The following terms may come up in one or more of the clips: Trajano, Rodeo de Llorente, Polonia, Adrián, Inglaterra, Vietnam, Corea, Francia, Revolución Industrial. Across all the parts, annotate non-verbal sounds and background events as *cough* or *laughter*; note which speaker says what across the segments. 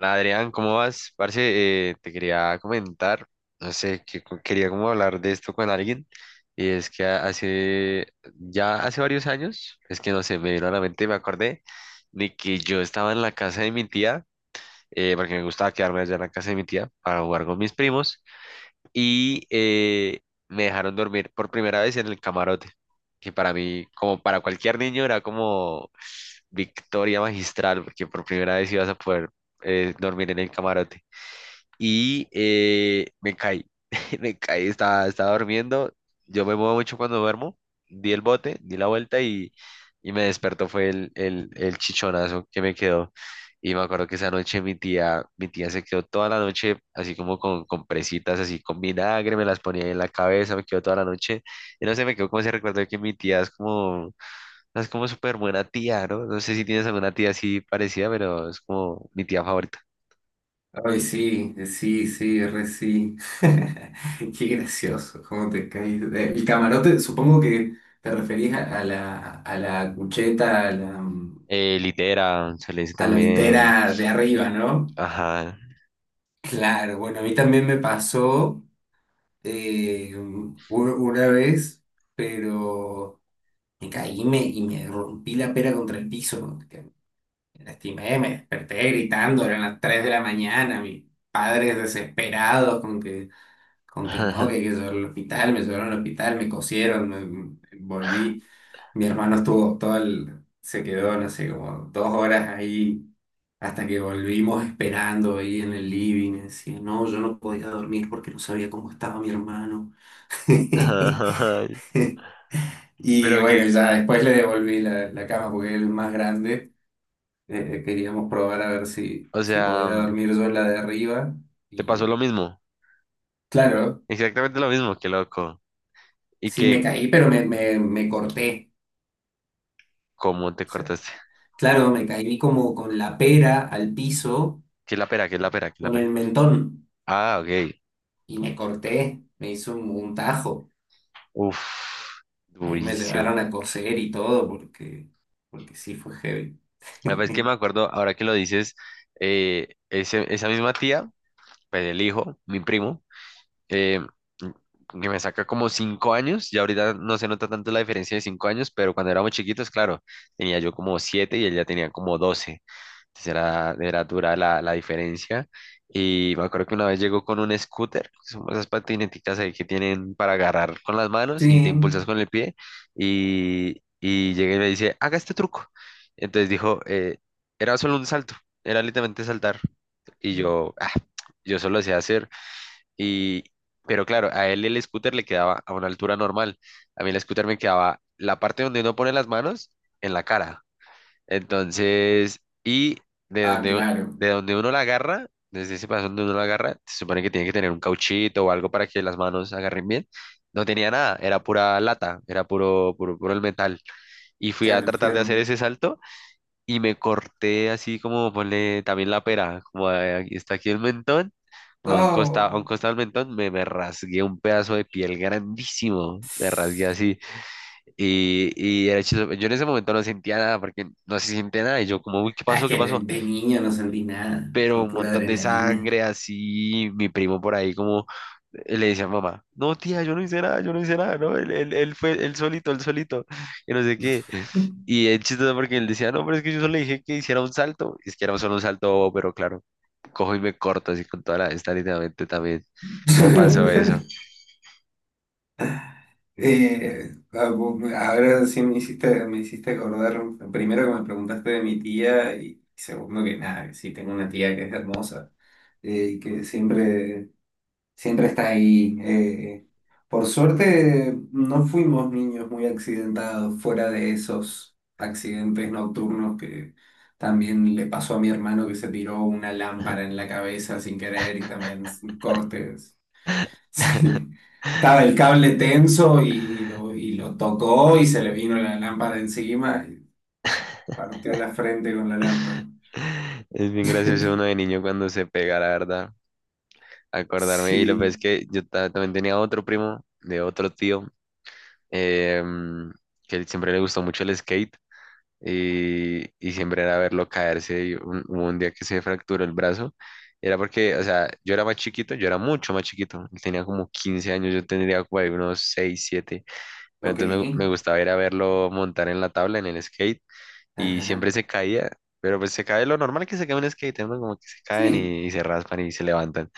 Speaker 1: Hola Adrián, ¿cómo vas? Parce, te quería comentar, no sé, que quería como hablar de esto con alguien, y es que hace, ya hace varios años, es que no sé, me vino a la mente, me acordé de que yo estaba en la casa de mi tía, porque me gustaba quedarme allá en la casa de mi tía para jugar con mis primos, y me dejaron dormir por primera vez en el camarote, que para mí, como para cualquier niño, era como victoria magistral, porque por primera vez ibas a poder dormir en el camarote y me caí, *laughs* me caí, estaba durmiendo, yo me muevo mucho cuando duermo, di el bote, di la vuelta y me despertó, fue el chichonazo que me quedó. Y me acuerdo que esa noche mi tía se quedó toda la noche así como con presitas, así con vinagre, me las ponía en la cabeza, me quedó toda la noche. Y no sé, me quedó como ese recuerdo de que mi tía es como súper buena tía, ¿no? No sé si tienes alguna tía así parecida, pero es como mi tía favorita.
Speaker 2: Ay, sí, sí, sí, re sí. *laughs* Qué gracioso, cómo te caes. El camarote, supongo que te referís a la cucheta,
Speaker 1: Litera, se le dice
Speaker 2: a la
Speaker 1: también.
Speaker 2: litera de arriba, ¿no?
Speaker 1: Ajá.
Speaker 2: Claro, bueno, a mí también me pasó una vez, pero me caí y y me rompí la pera contra el piso. Que Me lastimé, me desperté gritando, eran las 3 de la mañana, mis padres desesperados con que no,
Speaker 1: *laughs*
Speaker 2: que hay que llevarlo al hospital, me llevaron al hospital, me cosieron, volví. Mi hermano estuvo se quedó, no sé, como 2 horas ahí, hasta que volvimos esperando ahí en el living. Decía, no, yo no podía dormir porque no sabía cómo estaba mi hermano. *laughs* Y
Speaker 1: Pero
Speaker 2: bueno,
Speaker 1: que,
Speaker 2: ya después le devolví la cama porque él es más grande. Queríamos probar a ver
Speaker 1: o
Speaker 2: si
Speaker 1: sea,
Speaker 2: podía dormir yo en la de arriba.
Speaker 1: te
Speaker 2: Y
Speaker 1: pasó
Speaker 2: no.
Speaker 1: lo mismo.
Speaker 2: Claro,
Speaker 1: Exactamente lo mismo, qué loco. Y
Speaker 2: sí
Speaker 1: que,
Speaker 2: me caí, pero me corté.
Speaker 1: ¿cómo te cortaste?
Speaker 2: Claro, me caí como con la pera al piso,
Speaker 1: ¿Qué es la pera? ¿Qué es la pera? ¿Qué es la
Speaker 2: con
Speaker 1: pera?
Speaker 2: el mentón,
Speaker 1: Ah, ok.
Speaker 2: y me corté, me hizo un tajo.
Speaker 1: Uf,
Speaker 2: Ahí me
Speaker 1: durísimo.
Speaker 2: llevaron a coser y todo, porque, porque sí fue heavy.
Speaker 1: La vez que me
Speaker 2: *laughs*
Speaker 1: acuerdo, ahora que lo dices, esa misma tía, pues el hijo, mi primo. eh, que me saca como 5 años, y ahorita no se nota tanto la diferencia de 5 años, pero cuando éramos chiquitos, claro, tenía yo como siete y él ya tenía como 12, entonces era dura la diferencia. Y me acuerdo que una vez llegó con un scooter, que son esas patineticas ahí que tienen para agarrar con las manos y te
Speaker 2: Sí.
Speaker 1: impulsas con el pie, y llegué y me dice, haga este truco. Entonces dijo, era solo un salto, era literalmente saltar. Y yo, ah, yo solo sé hacer y, pero claro, a él el scooter le quedaba a una altura normal. A mí el scooter me quedaba la parte donde uno pone las manos en la cara. Entonces, y de
Speaker 2: Ah,
Speaker 1: donde,
Speaker 2: claro.
Speaker 1: de donde uno la agarra, desde ese paso donde uno la agarra, se supone que tiene que tener un cauchito o algo para que las manos agarren bien. No tenía nada, era pura lata, era puro, puro, puro el metal. Y fui a
Speaker 2: Claro, el
Speaker 1: tratar de
Speaker 2: fierro.
Speaker 1: hacer ese salto y me corté así como ponle también la pera, como aquí está aquí el mentón, como un costado, a
Speaker 2: Oh.
Speaker 1: un costado del mentón, me rasgué un pedazo de piel grandísimo, me rasgué así. Y era chistoso, yo en ese momento no sentía nada porque no se siente nada y yo como, uy, ¿qué
Speaker 2: Ah, es
Speaker 1: pasó? ¿Qué
Speaker 2: que
Speaker 1: pasó?
Speaker 2: de niño no sentí nada.
Speaker 1: Pero
Speaker 2: Fue
Speaker 1: un
Speaker 2: pura
Speaker 1: montón de
Speaker 2: adrenalina.
Speaker 1: sangre así, mi primo por ahí como le decía a mamá, no tía, yo no hice nada, yo no hice nada, no, él fue él solito, *laughs* que no sé qué. Y es chistoso porque él decía, no, pero es que yo solo le dije que hiciera un salto, es que era solo un salto bobo, pero claro, cojo y me corto así con toda la esta literalmente también. Me pasó eso.
Speaker 2: *laughs* Ahora sí me hiciste acordar, primero que me preguntaste de mi tía y segundo que nada, que sí tengo una tía que es hermosa, y que siempre, siempre está ahí. Por suerte no fuimos niños muy accidentados, fuera de esos accidentes nocturnos que también le pasó a mi hermano, que se tiró una lámpara en la cabeza sin querer y también cortes. *laughs* Sí. Estaba el cable tenso y y lo tocó y se le vino la lámpara encima y se partió la frente con la lámpara.
Speaker 1: *laughs* Es bien gracioso uno
Speaker 2: *laughs*
Speaker 1: de niño cuando se pega, la verdad. Acordarme, y lo que es
Speaker 2: Sí,
Speaker 1: que yo también tenía otro primo de otro tío em, que él siempre le gustó mucho el skate y siempre era verlo caerse. Hubo un día que se fracturó el brazo, era porque, o sea, yo era más chiquito, yo era mucho más chiquito, él tenía como 15 años, yo tendría por ahí unos 6 siete, pero
Speaker 2: ok.
Speaker 1: entonces me gustaba ir a verlo montar en la tabla, en el skate, y
Speaker 2: Ajá.
Speaker 1: siempre se caía. Pero pues se cae lo normal que se cae un skate, ¿no? Como que se caen
Speaker 2: Sí.
Speaker 1: y se raspan y se levantan.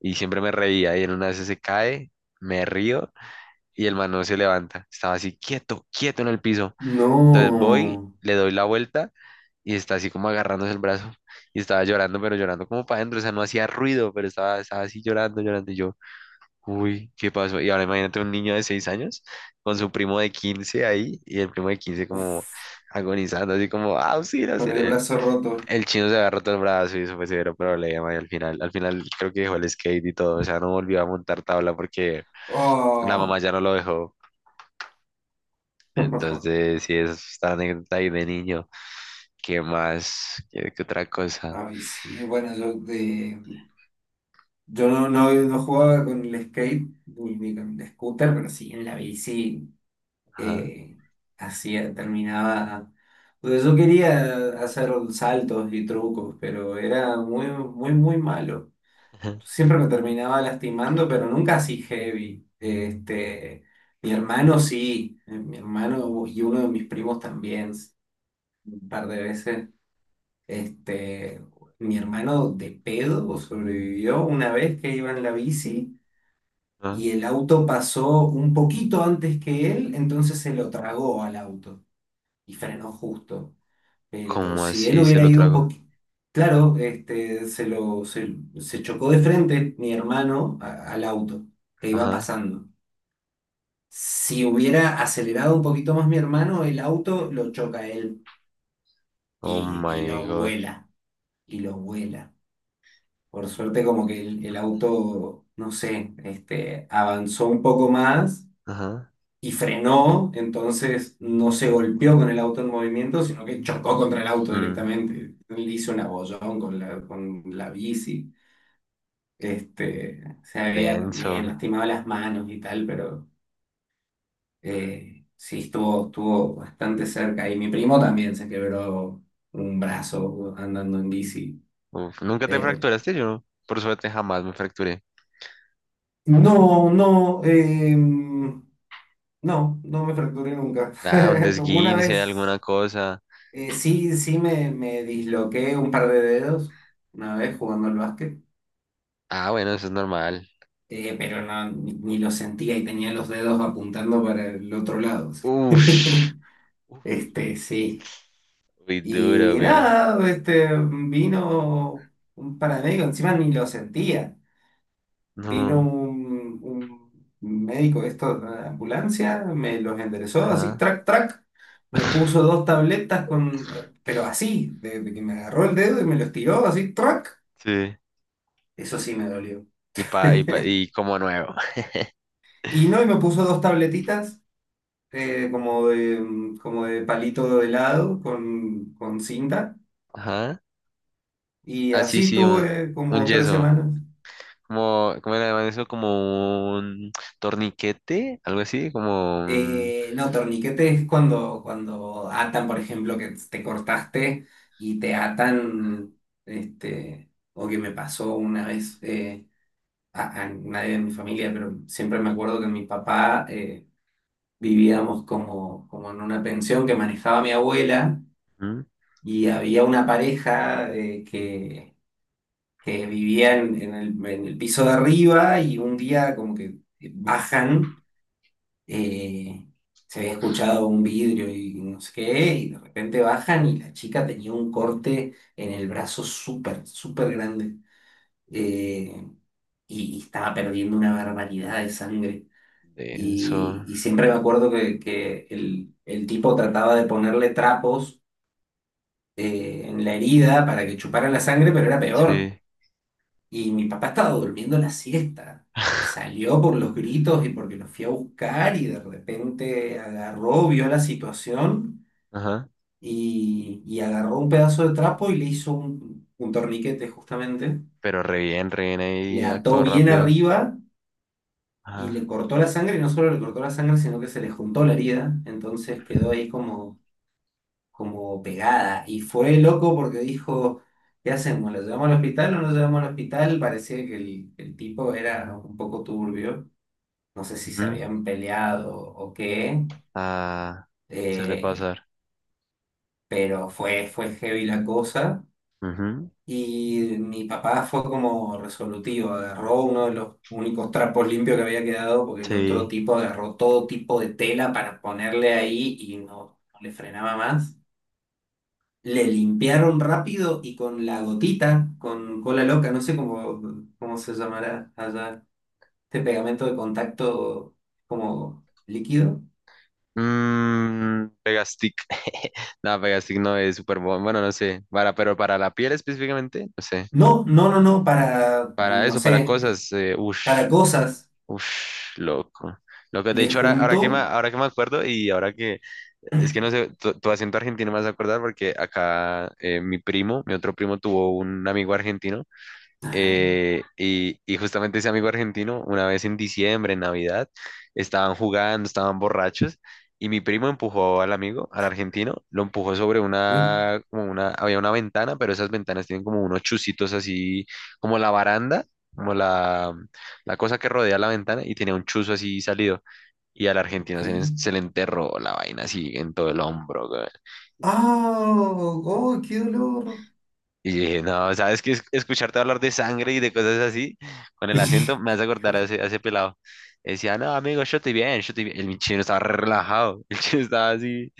Speaker 1: Y siempre me reía y en una vez se cae, me río y el man no se levanta. Estaba así quieto, quieto en el piso. Entonces voy,
Speaker 2: No.
Speaker 1: le doy la vuelta y está así como agarrándose el brazo y estaba llorando, pero llorando como para adentro. O sea, no hacía ruido, pero estaba así llorando, llorando. Y yo, uy, ¿qué pasó? Y ahora imagínate un niño de 6 años con su primo de 15 ahí y el primo de 15 como
Speaker 2: Uf,
Speaker 1: agonizando, así como, ah sí auxilio,
Speaker 2: con el
Speaker 1: auxilio.
Speaker 2: brazo roto.
Speaker 1: El chino se había roto el brazo y eso fue severo problema. Y al final creo que dejó el skate y todo. O sea, no volvió a montar tabla porque la mamá
Speaker 2: Oh.
Speaker 1: ya no lo dejó.
Speaker 2: *laughs*
Speaker 1: Entonces, sí, es esta anécdota ahí de niño. ¿Qué más? ¿Qué otra cosa?
Speaker 2: Ay, sí. Bueno, yo no jugaba con el skate ni ni con el scooter, pero sí en la bici.
Speaker 1: Ajá,
Speaker 2: eh, Hacía, terminaba. Porque yo quería hacer saltos y trucos, pero era muy, muy, muy malo.
Speaker 1: ajá,
Speaker 2: Siempre me terminaba lastimando, pero nunca así heavy. Este, mi hermano sí, mi hermano y uno de mis primos también, un par de veces. Este, mi hermano de pedo sobrevivió una vez que iba en la bici
Speaker 1: ajá.
Speaker 2: y el auto pasó un poquito antes que él, entonces se lo tragó al auto y frenó justo. Pero
Speaker 1: ¿Cómo
Speaker 2: si él
Speaker 1: así se
Speaker 2: hubiera
Speaker 1: lo
Speaker 2: ido un
Speaker 1: trago?
Speaker 2: poquito, claro, este, se chocó de frente mi hermano al auto que iba
Speaker 1: Ajá.
Speaker 2: pasando. Si hubiera acelerado un poquito más mi hermano, el auto lo choca a él
Speaker 1: Oh
Speaker 2: y
Speaker 1: my
Speaker 2: lo
Speaker 1: God.
Speaker 2: vuela, y lo vuela. Por suerte como que el auto, no sé, este, avanzó un poco más
Speaker 1: Ajá.
Speaker 2: y frenó, entonces no se golpeó con el auto en movimiento, sino que chocó contra el auto
Speaker 1: Mm,
Speaker 2: directamente. Le hizo un abollón con con la bici. Este, se había también
Speaker 1: denso.
Speaker 2: lastimado las manos y tal, pero sí estuvo, estuvo bastante cerca. Y mi primo también se quebró un brazo andando en bici.
Speaker 1: Uf, ¿nunca te
Speaker 2: Eh,
Speaker 1: fracturaste? Yo, por suerte, jamás me fracturé.
Speaker 2: no, no, em, no me fracturé nunca.
Speaker 1: Ah, un
Speaker 2: *laughs* Una
Speaker 1: desguince, alguna
Speaker 2: vez.
Speaker 1: cosa.
Speaker 2: Sí, me disloqué un par de dedos una vez jugando al básquet,
Speaker 1: Ah, bueno, eso es normal.
Speaker 2: pero no, ni lo sentía y tenía los dedos apuntando para el otro lado.
Speaker 1: Ush.
Speaker 2: *laughs*
Speaker 1: Uf,
Speaker 2: Este, sí.
Speaker 1: muy
Speaker 2: Y
Speaker 1: duro, weón.
Speaker 2: nada, este, vino un paramédico, encima ni lo sentía. Vino
Speaker 1: No.
Speaker 2: un, un médico esto de la ambulancia, me los enderezó así,
Speaker 1: Ajá.
Speaker 2: track, track. Me puso dos tabletas con, pero así, de que me agarró el dedo y me los tiró así, track.
Speaker 1: Sí.
Speaker 2: Eso sí me dolió.
Speaker 1: Y pa, y pa,
Speaker 2: *laughs*
Speaker 1: y como nuevo.
Speaker 2: Y no, y me puso dos tabletitas, como de palito de helado con cinta.
Speaker 1: Ajá.
Speaker 2: Y
Speaker 1: Así
Speaker 2: así
Speaker 1: sí, sí,
Speaker 2: tuve
Speaker 1: un
Speaker 2: como tres
Speaker 1: yeso.
Speaker 2: semanas.
Speaker 1: Como, como era eso? Como un torniquete, algo así, como un...
Speaker 2: No, torniquete es cuando, cuando atan, por ejemplo, que te cortaste y te atan, este, o que me pasó una vez, a nadie de mi familia, pero siempre me acuerdo que mi papá, vivíamos como, como en una pensión que manejaba mi abuela
Speaker 1: ¿Mm?
Speaker 2: y había una pareja, que vivía en el piso de arriba y un día como que bajan, eh, se había escuchado un vidrio y no sé qué, y de repente bajan y la chica tenía un corte en el brazo súper, súper grande, eh, y estaba perdiendo una barbaridad de sangre.
Speaker 1: Denso,
Speaker 2: Y siempre me acuerdo que el tipo trataba de ponerle trapos, en la herida para que chupara la sangre, pero era peor.
Speaker 1: sí.
Speaker 2: Y mi papá estaba durmiendo la siesta. Y
Speaker 1: *laughs*
Speaker 2: salió por los gritos y porque lo fui a buscar y de repente agarró, vio la situación
Speaker 1: Ajá.
Speaker 2: y agarró un pedazo de trapo y le hizo un torniquete justamente.
Speaker 1: Pero re bien
Speaker 2: Le
Speaker 1: ahí,
Speaker 2: ató
Speaker 1: actúa
Speaker 2: bien
Speaker 1: rápido.
Speaker 2: arriba y le
Speaker 1: Ajá.
Speaker 2: cortó la sangre, y no solo le cortó la sangre, sino que se le juntó la herida. Entonces quedó ahí como, como pegada. Y fue loco porque dijo... ¿Qué hacemos? ¿Lo llevamos al hospital o no lo llevamos al hospital? Parecía que el tipo era un poco turbio. No sé si se
Speaker 1: Ujú,
Speaker 2: habían peleado o qué,
Speaker 1: ah, suele
Speaker 2: eh,
Speaker 1: pasar.
Speaker 2: pero fue, fue heavy la cosa.
Speaker 1: Ujú,
Speaker 2: Y mi papá fue como resolutivo, agarró uno de los únicos trapos limpios que había quedado, porque el otro
Speaker 1: sí.
Speaker 2: tipo agarró todo tipo de tela para ponerle ahí y no, no le frenaba más. Le limpiaron rápido y con la gotita, con cola loca, no sé cómo, cómo se llamará allá, este pegamento de contacto como líquido.
Speaker 1: Mm, Pegastick. *laughs* No, Pegastick no es súper bueno. Bueno, no sé. Para, pero para la piel específicamente, no sé.
Speaker 2: No, no, no, no, para,
Speaker 1: Para
Speaker 2: no
Speaker 1: eso, para
Speaker 2: sé,
Speaker 1: cosas,
Speaker 2: para
Speaker 1: ush.
Speaker 2: cosas.
Speaker 1: Uf, loco. Loco, de
Speaker 2: Le
Speaker 1: hecho, ahora, ahora
Speaker 2: junto.
Speaker 1: que me, ahora que me acuerdo es que no sé, tu acento argentino me vas a acordar porque acá mi primo, mi otro primo tuvo un amigo argentino,
Speaker 2: Ajá.
Speaker 1: y justamente ese amigo argentino, una vez en diciembre, en Navidad, estaban jugando, estaban borrachos, y mi primo empujó al amigo, al argentino, lo empujó sobre
Speaker 2: Uy,
Speaker 1: una, como una, había una ventana, pero esas ventanas tienen como unos chusitos así, como la baranda, como la cosa que rodea la ventana, y tenía un chuzo así salido, y al
Speaker 2: ok.
Speaker 1: argentino se, se le enterró la vaina así en todo el hombro, güey.
Speaker 2: ¡Ah! ¡Oh, qué dolor!
Speaker 1: Y dije, no, ¿sabes qué? Escucharte hablar de sangre y de cosas así, con el acento, me hace
Speaker 2: *laughs*
Speaker 1: acordar a
Speaker 2: Híjole.
Speaker 1: ese, a ese pelado. Decía, no, amigo, yo estoy bien, yo estoy bien. El chino estaba re relajado, *laughs* el chino estaba así,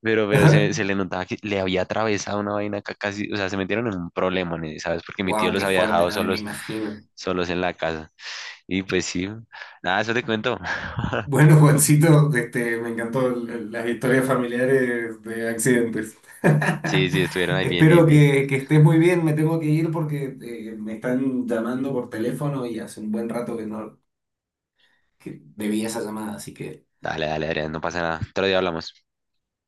Speaker 1: pero
Speaker 2: Ajá.
Speaker 1: se le notaba que le había atravesado una vaina acá casi, o sea, se metieron en un problema, ¿no? ¿Sabes? Porque mi tío
Speaker 2: Wow, *laughs*
Speaker 1: los
Speaker 2: qué
Speaker 1: había
Speaker 2: fuerte,
Speaker 1: dejado
Speaker 2: también me
Speaker 1: solos,
Speaker 2: imagino.
Speaker 1: solos en la casa. Y pues sí, nada, eso te cuento. *laughs*
Speaker 2: Bueno, Juancito, este, me encantó las historias familiares de accidentes.
Speaker 1: Sí, sí, estuvieron
Speaker 2: *laughs*
Speaker 1: ahí bien, bien,
Speaker 2: Espero
Speaker 1: bien.
Speaker 2: que estés muy bien. Me tengo que ir porque, me están llamando por teléfono y hace un buen rato que no que debía esa llamada, así que.
Speaker 1: Dale, dale, Adrián, no pasa nada. Otro día hablamos.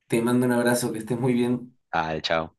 Speaker 2: Te mando un abrazo, que estés muy bien.
Speaker 1: Dale, chao.